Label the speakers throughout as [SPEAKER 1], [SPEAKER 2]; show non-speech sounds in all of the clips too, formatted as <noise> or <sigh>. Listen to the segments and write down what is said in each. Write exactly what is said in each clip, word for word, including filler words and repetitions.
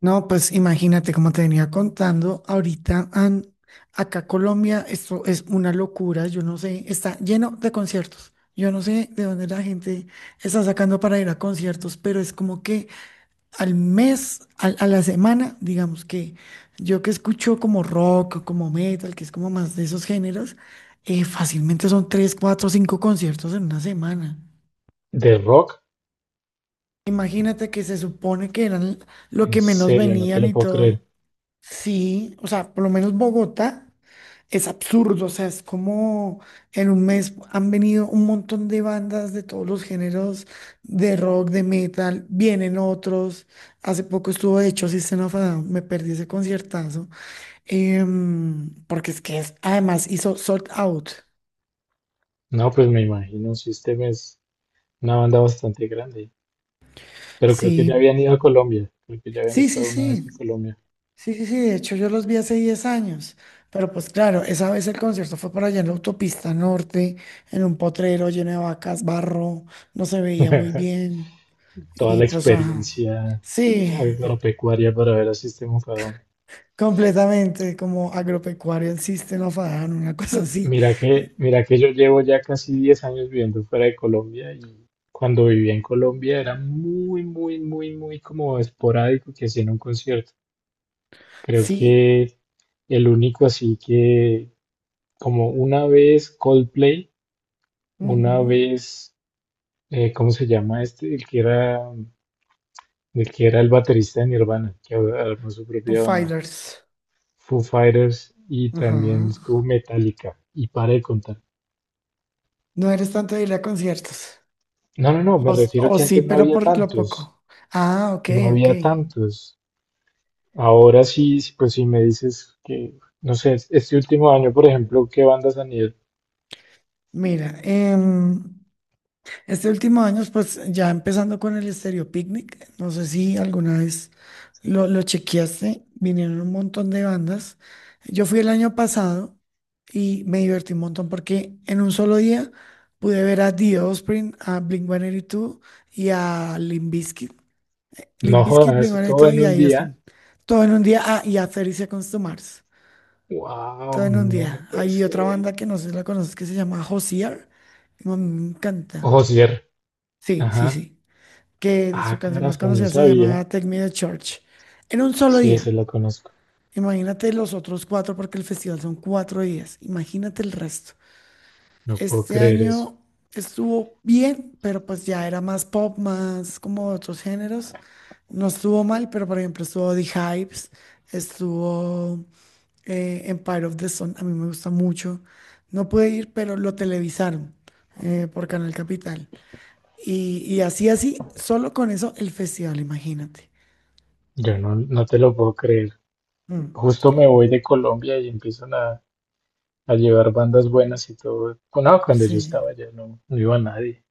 [SPEAKER 1] No, pues imagínate, como te venía contando, ahorita an- acá Colombia, esto es una locura, yo no sé, está lleno de conciertos. Yo no sé de dónde la gente está sacando para ir a conciertos, pero es como que al mes, al- a, la semana, digamos que yo que escucho como rock, como metal, que es como más de esos géneros, eh, fácilmente son tres, cuatro, cinco conciertos en una semana.
[SPEAKER 2] ¿De rock?
[SPEAKER 1] Imagínate que se supone que eran lo que
[SPEAKER 2] En
[SPEAKER 1] menos
[SPEAKER 2] serio, no te
[SPEAKER 1] venían
[SPEAKER 2] lo
[SPEAKER 1] y
[SPEAKER 2] puedo
[SPEAKER 1] todo.
[SPEAKER 2] creer.
[SPEAKER 1] Sí, o sea, por lo menos Bogotá es absurdo, o sea, es como en un mes han venido un montón de bandas de todos los géneros, de rock, de metal, vienen otros, hace poco estuvo de hecho System of a Down, me perdí ese conciertazo, em, porque es que es- además hizo Sold Out,
[SPEAKER 2] No, pues me imagino, System es una banda bastante grande, pero creo que ya
[SPEAKER 1] sí,
[SPEAKER 2] habían ido a Colombia, creo que ya habían
[SPEAKER 1] sí, sí,
[SPEAKER 2] estado una vez en
[SPEAKER 1] sí.
[SPEAKER 2] Colombia.
[SPEAKER 1] Sí, sí, sí, de hecho yo los vi hace diez años, pero pues claro, esa vez el concierto fue por allá en la autopista norte, en un potrero lleno de vacas, barro, no se veía muy
[SPEAKER 2] <laughs>
[SPEAKER 1] bien
[SPEAKER 2] Toda
[SPEAKER 1] y
[SPEAKER 2] la
[SPEAKER 1] pues ajá,
[SPEAKER 2] experiencia
[SPEAKER 1] sí,
[SPEAKER 2] agropecuaria para ver a System of a Down.
[SPEAKER 1] completamente como agropecuario el System of a Down, una cosa así,
[SPEAKER 2] Mira que, mira que yo llevo ya casi diez años viviendo fuera de Colombia y cuando vivía en Colombia era muy, muy, muy, muy como esporádico que hacían un concierto. Creo
[SPEAKER 1] sí,
[SPEAKER 2] que el único así que como una vez Coldplay, una
[SPEAKER 1] ujú,
[SPEAKER 2] vez, eh, ¿cómo se llama este? El que era, el que era el baterista de Nirvana, que ahora armó su
[SPEAKER 1] Foo
[SPEAKER 2] propia banda.
[SPEAKER 1] Fighters,
[SPEAKER 2] Foo Fighters y también
[SPEAKER 1] ajá,
[SPEAKER 2] estuvo Metallica. Y para de contar.
[SPEAKER 1] no eres tanto de ir a conciertos,
[SPEAKER 2] No, no, no, me
[SPEAKER 1] o, s-
[SPEAKER 2] refiero
[SPEAKER 1] o
[SPEAKER 2] que
[SPEAKER 1] sí,
[SPEAKER 2] antes no
[SPEAKER 1] pero
[SPEAKER 2] había
[SPEAKER 1] por lo
[SPEAKER 2] tantos.
[SPEAKER 1] poco, ah, ok,
[SPEAKER 2] No
[SPEAKER 1] ok,
[SPEAKER 2] había tantos. Ahora sí, sí, pues si me dices que, no sé, este último año, por ejemplo, ¿qué bandas han ido?
[SPEAKER 1] mira, em, este último año, pues ya empezando con el Estéreo Picnic, no sé si alguna vez lo, lo chequeaste, vinieron un montón de bandas. Yo fui el año pasado y me divertí un montón porque en un solo día pude ver a The Offspring, a Blink uno ochenta y dos y dos y a Limp Bizkit. Limp
[SPEAKER 2] No
[SPEAKER 1] Bizkit,
[SPEAKER 2] jodas, todo
[SPEAKER 1] Blink ciento ochenta y dos
[SPEAKER 2] en
[SPEAKER 1] y dos
[SPEAKER 2] un
[SPEAKER 1] y a The
[SPEAKER 2] día.
[SPEAKER 1] Offspring. Todo en un día, ah, y a treinta Seconds to Mars. Todo
[SPEAKER 2] Wow,
[SPEAKER 1] en un
[SPEAKER 2] no, no
[SPEAKER 1] día.
[SPEAKER 2] puede
[SPEAKER 1] Hay otra
[SPEAKER 2] ser.
[SPEAKER 1] banda que no sé si la conoces que se llama Hozier. Me encanta.
[SPEAKER 2] Ojo.
[SPEAKER 1] Sí, sí,
[SPEAKER 2] Ajá.
[SPEAKER 1] sí que su
[SPEAKER 2] Ah,
[SPEAKER 1] canción más
[SPEAKER 2] carajo, no
[SPEAKER 1] conocida se
[SPEAKER 2] sabía.
[SPEAKER 1] llamaba Take Me to Church, en un solo
[SPEAKER 2] Sí, ese
[SPEAKER 1] día.
[SPEAKER 2] la conozco.
[SPEAKER 1] Imagínate los otros cuatro, porque el festival son cuatro días. Imagínate el resto.
[SPEAKER 2] No puedo
[SPEAKER 1] Este
[SPEAKER 2] creer eso.
[SPEAKER 1] año estuvo bien, pero pues ya era más pop, más como otros géneros. No estuvo mal, pero por ejemplo estuvo The Hives, estuvo eh, Empire of the Sun, a mí me gusta mucho. No pude ir, pero lo televisaron eh, por Canal Capital. Y, y así, así, solo con eso el festival, imagínate.
[SPEAKER 2] Yo no, no te lo puedo creer.
[SPEAKER 1] Mm,
[SPEAKER 2] Justo me voy de Colombia y empiezan a, a llevar bandas buenas y todo. No, cuando yo
[SPEAKER 1] sí.
[SPEAKER 2] estaba allá no, no iba nadie.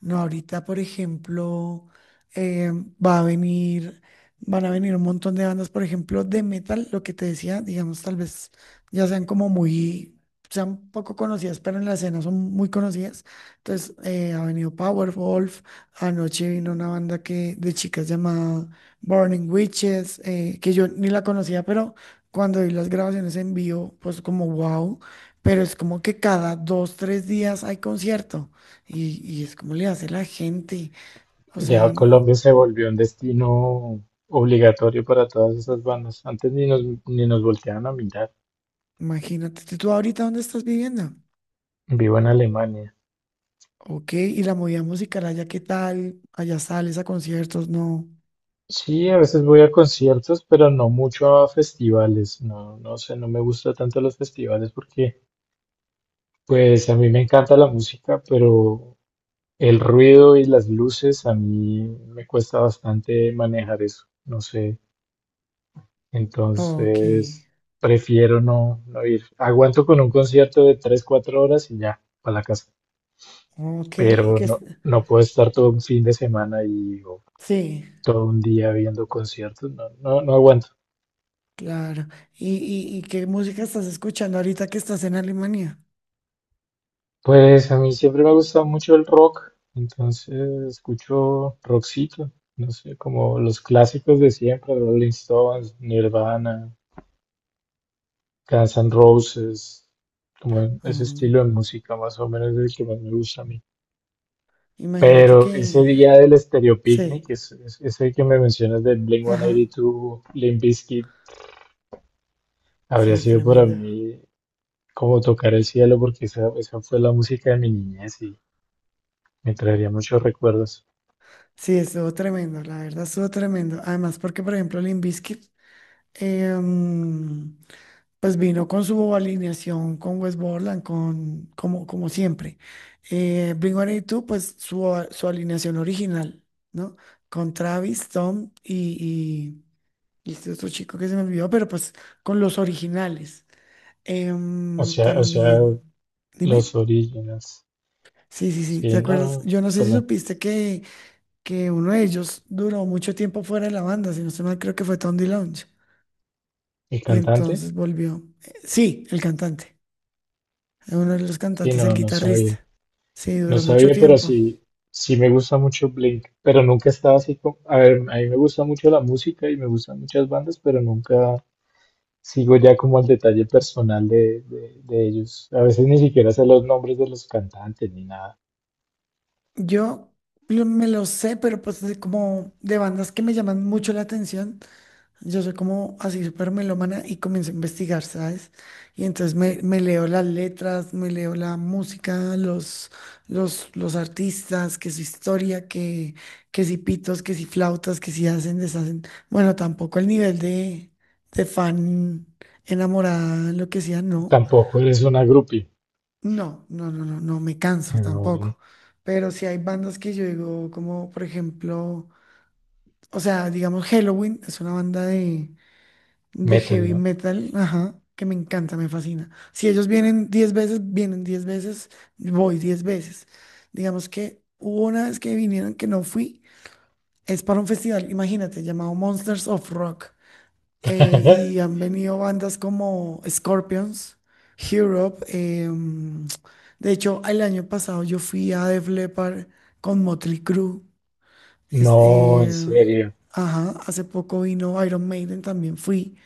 [SPEAKER 1] No, ahorita, por ejemplo, eh, va a venir, van a venir un montón de bandas, por ejemplo, de metal, lo que te decía, digamos, tal vez ya sean como muy, sean poco conocidas, pero en la escena son muy conocidas. Entonces, eh, ha venido Powerwolf, anoche vino una banda que, de chicas llamada Burning Witches, eh, que yo ni la conocía, pero cuando vi las grabaciones en vivo, pues como wow, pero es como que cada dos, tres días hay concierto. Y, y es como le hace la gente. O
[SPEAKER 2] Ya
[SPEAKER 1] sea,
[SPEAKER 2] Colombia se volvió un destino obligatorio para todas esas bandas. Antes ni nos, ni nos volteaban a mirar.
[SPEAKER 1] imagínate, ¿tú ahorita dónde estás viviendo?
[SPEAKER 2] Vivo en Alemania.
[SPEAKER 1] Ok, y la movida musical allá, ¿qué tal? Allá sales a conciertos, no.
[SPEAKER 2] Sí, a veces voy a conciertos, pero no mucho a festivales. No, no sé, no me gusta tanto los festivales porque pues a mí me encanta la música, pero el ruido y las luces a mí me cuesta bastante manejar eso, no sé.
[SPEAKER 1] Ok,
[SPEAKER 2] Entonces prefiero no, no ir. Aguanto con un concierto de tres cuatro horas y ya, para la casa.
[SPEAKER 1] ok, y
[SPEAKER 2] Pero
[SPEAKER 1] que es-
[SPEAKER 2] no, no puedo estar todo un fin de semana y o
[SPEAKER 1] sí,
[SPEAKER 2] todo un día viendo conciertos, no, no, no aguanto.
[SPEAKER 1] claro. ¿Y, y, y qué música estás escuchando ahorita que estás en Alemania?
[SPEAKER 2] Pues a mí siempre me ha gustado mucho el rock, entonces escucho rockcito, no sé, como los clásicos de siempre, Rolling Stones, Nirvana, Guns N' Roses, como ese
[SPEAKER 1] Mm,
[SPEAKER 2] estilo de música más o menos es el que más me gusta a mí.
[SPEAKER 1] imagínate
[SPEAKER 2] Pero ese
[SPEAKER 1] que
[SPEAKER 2] día del Stereo Picnic,
[SPEAKER 1] sí,
[SPEAKER 2] es, es- ese que me mencionas del
[SPEAKER 1] ajá,
[SPEAKER 2] blink one eighty-two, Limp Bizkit, habría
[SPEAKER 1] sí,
[SPEAKER 2] sido para
[SPEAKER 1] tremendo.
[SPEAKER 2] mí como tocar el cielo porque esa, esa fue la música de mi niñez y me traería muchos recuerdos.
[SPEAKER 1] Sí, estuvo tremendo, la verdad estuvo tremendo. Además, porque por ejemplo, Limp Bizkit em, pues vino con su alineación con West Borland, con, como, como siempre. Eh, Blink uno ochenta y dos, pues su, a- su alineación original, ¿no? Con Travis, Tom y, y, y este otro chico que se me olvidó, pero pues con los originales.
[SPEAKER 2] O
[SPEAKER 1] Em,
[SPEAKER 2] sea, o sea,
[SPEAKER 1] también, dime.
[SPEAKER 2] Los Orígenes.
[SPEAKER 1] Sí, sí, sí, ¿te
[SPEAKER 2] Sí, no,
[SPEAKER 1] acuerdas?
[SPEAKER 2] no,
[SPEAKER 1] Yo no sé si
[SPEAKER 2] perdón.
[SPEAKER 1] supiste que, que, uno de ellos duró mucho tiempo fuera de la banda, si no estoy mal, creo que fue Tom DeLonge.
[SPEAKER 2] ¿El
[SPEAKER 1] Y
[SPEAKER 2] cantante?
[SPEAKER 1] entonces volvió. eh, Sí, el cantante. Uno de los
[SPEAKER 2] Sí,
[SPEAKER 1] cantantes, el
[SPEAKER 2] no, no
[SPEAKER 1] guitarrista.
[SPEAKER 2] sabía.
[SPEAKER 1] Sí,
[SPEAKER 2] No
[SPEAKER 1] duró mucho
[SPEAKER 2] sabía, pero
[SPEAKER 1] tiempo.
[SPEAKER 2] sí, sí me gusta mucho Blink, pero nunca estaba así como, a ver, a mí me gusta mucho la música y me gustan muchas bandas, pero nunca sigo ya como al detalle personal de, de, de ellos. A veces ni siquiera sé los nombres de los cantantes ni nada.
[SPEAKER 1] Yo lo- me lo sé, pero pues de- como de bandas que me llaman mucho la atención. Yo soy como así súper melómana y comienzo a investigar, ¿sabes? Y entonces me, me leo las letras, me leo la música, los, los, los artistas, que su historia, que, que si pitos, que si flautas, que si hacen, deshacen. Bueno, tampoco el nivel de, de fan enamorada, lo que sea, no.
[SPEAKER 2] Tampoco eres una groupie.
[SPEAKER 1] No, no, no, no, no me canso
[SPEAKER 2] Pero bueno,
[SPEAKER 1] tampoco. Pero sí hay bandas que yo digo, como por ejemplo, o sea, digamos, Halloween es una banda de de
[SPEAKER 2] metal,
[SPEAKER 1] heavy
[SPEAKER 2] ¿no?
[SPEAKER 1] metal, ajá, que me encanta, me fascina. Si ellos vienen diez veces, vienen diez veces, voy diez veces. Digamos que hubo una vez que vinieron que no fui, es para un festival, imagínate, llamado Monsters of Rock. eh, y
[SPEAKER 2] <laughs>
[SPEAKER 1] han venido bandas como Scorpions, Europe. eh, mm, de hecho, el año pasado yo fui a Def Leppard con Motley Crue. Es,
[SPEAKER 2] No, en
[SPEAKER 1] eh,
[SPEAKER 2] serio.
[SPEAKER 1] ajá, hace poco vino Iron Maiden, también fui.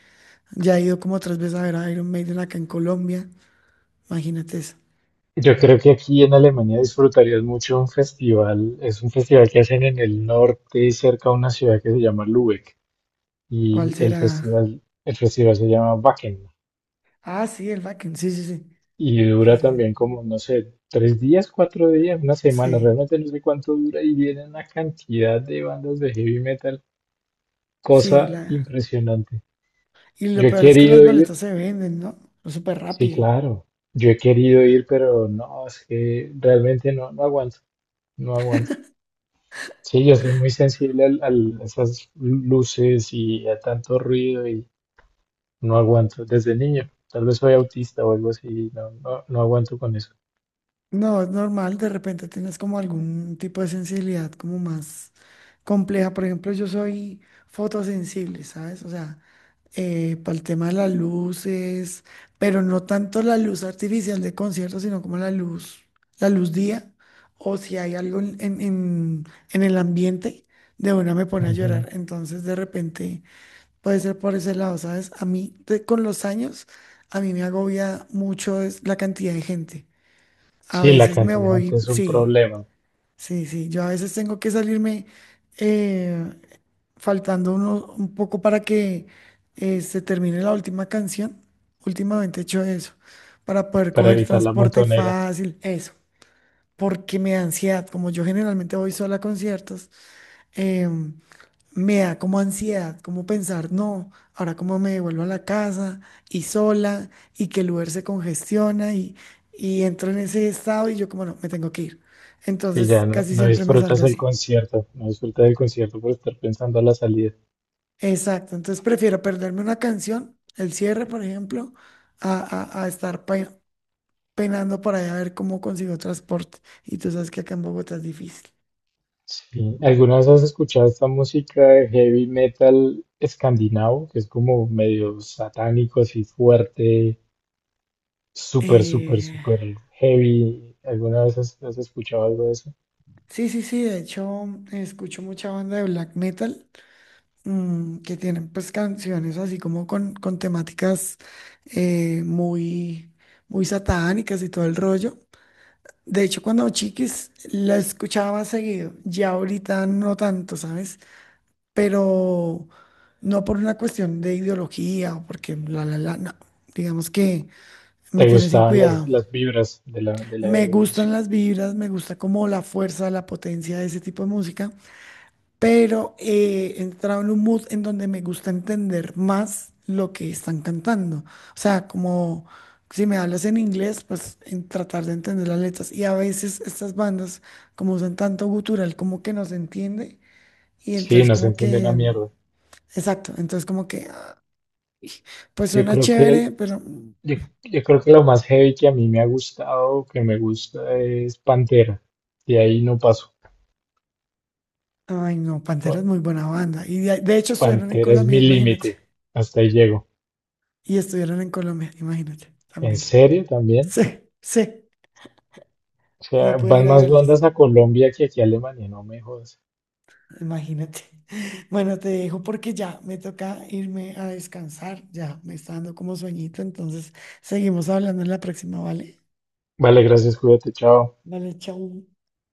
[SPEAKER 1] Ya he ido como tres veces a ver a Iron Maiden acá en Colombia. Imagínate eso.
[SPEAKER 2] Yo creo que aquí en Alemania disfrutarías mucho un festival. Es un festival que hacen en el norte, cerca a una ciudad que se llama Lübeck.
[SPEAKER 1] ¿Cuál
[SPEAKER 2] Y el
[SPEAKER 1] será?
[SPEAKER 2] festival, el festival se llama Wacken.
[SPEAKER 1] Ah, sí, el Wacken. Sí, sí, sí.
[SPEAKER 2] Y
[SPEAKER 1] Sí,
[SPEAKER 2] dura
[SPEAKER 1] sí, sí.
[SPEAKER 2] también como, no sé, tres días, cuatro días, una semana.
[SPEAKER 1] Sí,
[SPEAKER 2] Realmente no sé cuánto dura y viene una cantidad de bandas de heavy metal.
[SPEAKER 1] sí,
[SPEAKER 2] Cosa
[SPEAKER 1] la.
[SPEAKER 2] impresionante.
[SPEAKER 1] Y lo
[SPEAKER 2] Yo he
[SPEAKER 1] peor es que las
[SPEAKER 2] querido ir,
[SPEAKER 1] boletas se venden, ¿no? Súper
[SPEAKER 2] sí,
[SPEAKER 1] rápido.
[SPEAKER 2] claro. Yo he querido ir, pero no, es que realmente no, no aguanto, no aguanto. Sí, yo soy muy sensible al- al- a esas luces y a tanto ruido y no aguanto desde niño. Tal vez soy autista o algo así, no, no, no aguanto con eso.
[SPEAKER 1] No, es normal, de repente tienes como algún tipo de sensibilidad como más compleja. Por ejemplo, yo soy fotosensible, ¿sabes? O sea, eh, para el tema de las luces, pero no tanto la luz artificial de conciertos, sino como la luz, la luz día, o si hay algo en, en, en- en el ambiente, de una me pone a
[SPEAKER 2] Ujú.
[SPEAKER 1] llorar. Entonces, de repente, puede ser por ese lado, ¿sabes? A mí, de- con los años, a mí me agobia mucho es la cantidad de gente. A
[SPEAKER 2] Sí, la
[SPEAKER 1] veces me
[SPEAKER 2] cantidad
[SPEAKER 1] voy,
[SPEAKER 2] es un
[SPEAKER 1] sí,
[SPEAKER 2] problema
[SPEAKER 1] sí, sí, yo a veces tengo que salirme. eh, faltando uno, un poco para que eh, se termine la última canción. Últimamente he hecho eso, para poder
[SPEAKER 2] para
[SPEAKER 1] coger
[SPEAKER 2] evitar la
[SPEAKER 1] transporte
[SPEAKER 2] montonera.
[SPEAKER 1] fácil, eso, porque me da ansiedad, como yo generalmente voy sola a conciertos, em, me da como ansiedad, como pensar, no, ahora cómo me devuelvo a la casa y sola y que el Uber se congestiona y, y entro en ese estado y yo como no, me tengo que ir.
[SPEAKER 2] Si ya
[SPEAKER 1] Entonces
[SPEAKER 2] no,
[SPEAKER 1] casi
[SPEAKER 2] no
[SPEAKER 1] siempre me salgo
[SPEAKER 2] disfrutas el
[SPEAKER 1] así.
[SPEAKER 2] concierto, no disfrutas del concierto por estar pensando en la salida.
[SPEAKER 1] Exacto, entonces prefiero perderme una canción, el cierre, por ejemplo, a, a- a estar pe- penando por allá a ver cómo consigo transporte. Y tú sabes que acá en Bogotá es difícil.
[SPEAKER 2] Sí. ¿Alguna vez has escuchado esta música de heavy metal escandinavo, que es como medio satánico, así fuerte? Súper, súper,
[SPEAKER 1] Eh,
[SPEAKER 2] súper heavy. ¿Alguna vez has, has escuchado algo de eso?
[SPEAKER 1] sí, sí, sí, de hecho escucho mucha banda de black metal mm, que tienen pues canciones así como con, con, temáticas eh, muy, muy satánicas y todo el rollo. De hecho, cuando chiquis la escuchaba seguido, ya ahorita no tanto, ¿sabes? Pero no por una cuestión de ideología o porque la, la, la, no. Digamos que me
[SPEAKER 2] ¿Te
[SPEAKER 1] tiene sin
[SPEAKER 2] gustaban las,
[SPEAKER 1] cuidado.
[SPEAKER 2] las vibras de la, de la,
[SPEAKER 1] Me
[SPEAKER 2] de la
[SPEAKER 1] gustan
[SPEAKER 2] música?
[SPEAKER 1] las vibras, me gusta como la fuerza, la potencia de ese tipo de música, pero eh, he entrado en un mood en donde me gusta entender más lo que están cantando. O sea, como si me hablas en inglés, pues en tratar de entender las letras. Y a veces estas bandas, como usan tanto gutural, como que no se entiende. Y
[SPEAKER 2] Sí,
[SPEAKER 1] entonces
[SPEAKER 2] no se
[SPEAKER 1] como
[SPEAKER 2] entiende una
[SPEAKER 1] que
[SPEAKER 2] mierda.
[SPEAKER 1] Exacto, entonces como que, ay, pues
[SPEAKER 2] Yo
[SPEAKER 1] suena
[SPEAKER 2] creo
[SPEAKER 1] chévere,
[SPEAKER 2] que,
[SPEAKER 1] pero, mm,
[SPEAKER 2] yo, yo creo que lo más heavy que a mí me ha gustado, que me gusta, es Pantera. De ahí no paso.
[SPEAKER 1] ay no, Pantera es
[SPEAKER 2] Pa-
[SPEAKER 1] muy buena banda. Y de, de hecho estuvieron en
[SPEAKER 2] Pantera es
[SPEAKER 1] Colombia,
[SPEAKER 2] mi
[SPEAKER 1] imagínate.
[SPEAKER 2] límite. Hasta ahí llego.
[SPEAKER 1] Y estuvieron en Colombia, imagínate,
[SPEAKER 2] ¿En
[SPEAKER 1] también.
[SPEAKER 2] serio también?
[SPEAKER 1] Sí, sí,
[SPEAKER 2] O
[SPEAKER 1] no
[SPEAKER 2] sea,
[SPEAKER 1] pude
[SPEAKER 2] van
[SPEAKER 1] ir a
[SPEAKER 2] más bandas
[SPEAKER 1] verlos,
[SPEAKER 2] a Colombia que aquí a Alemania, no me jodas.
[SPEAKER 1] imagínate. <laughs> Bueno, te dejo porque ya me toca irme a descansar, ya me está dando como sueñito, entonces seguimos hablando en la próxima, ¿vale?
[SPEAKER 2] Vale, gracias, cuídate, chao.
[SPEAKER 1] Vale, chau.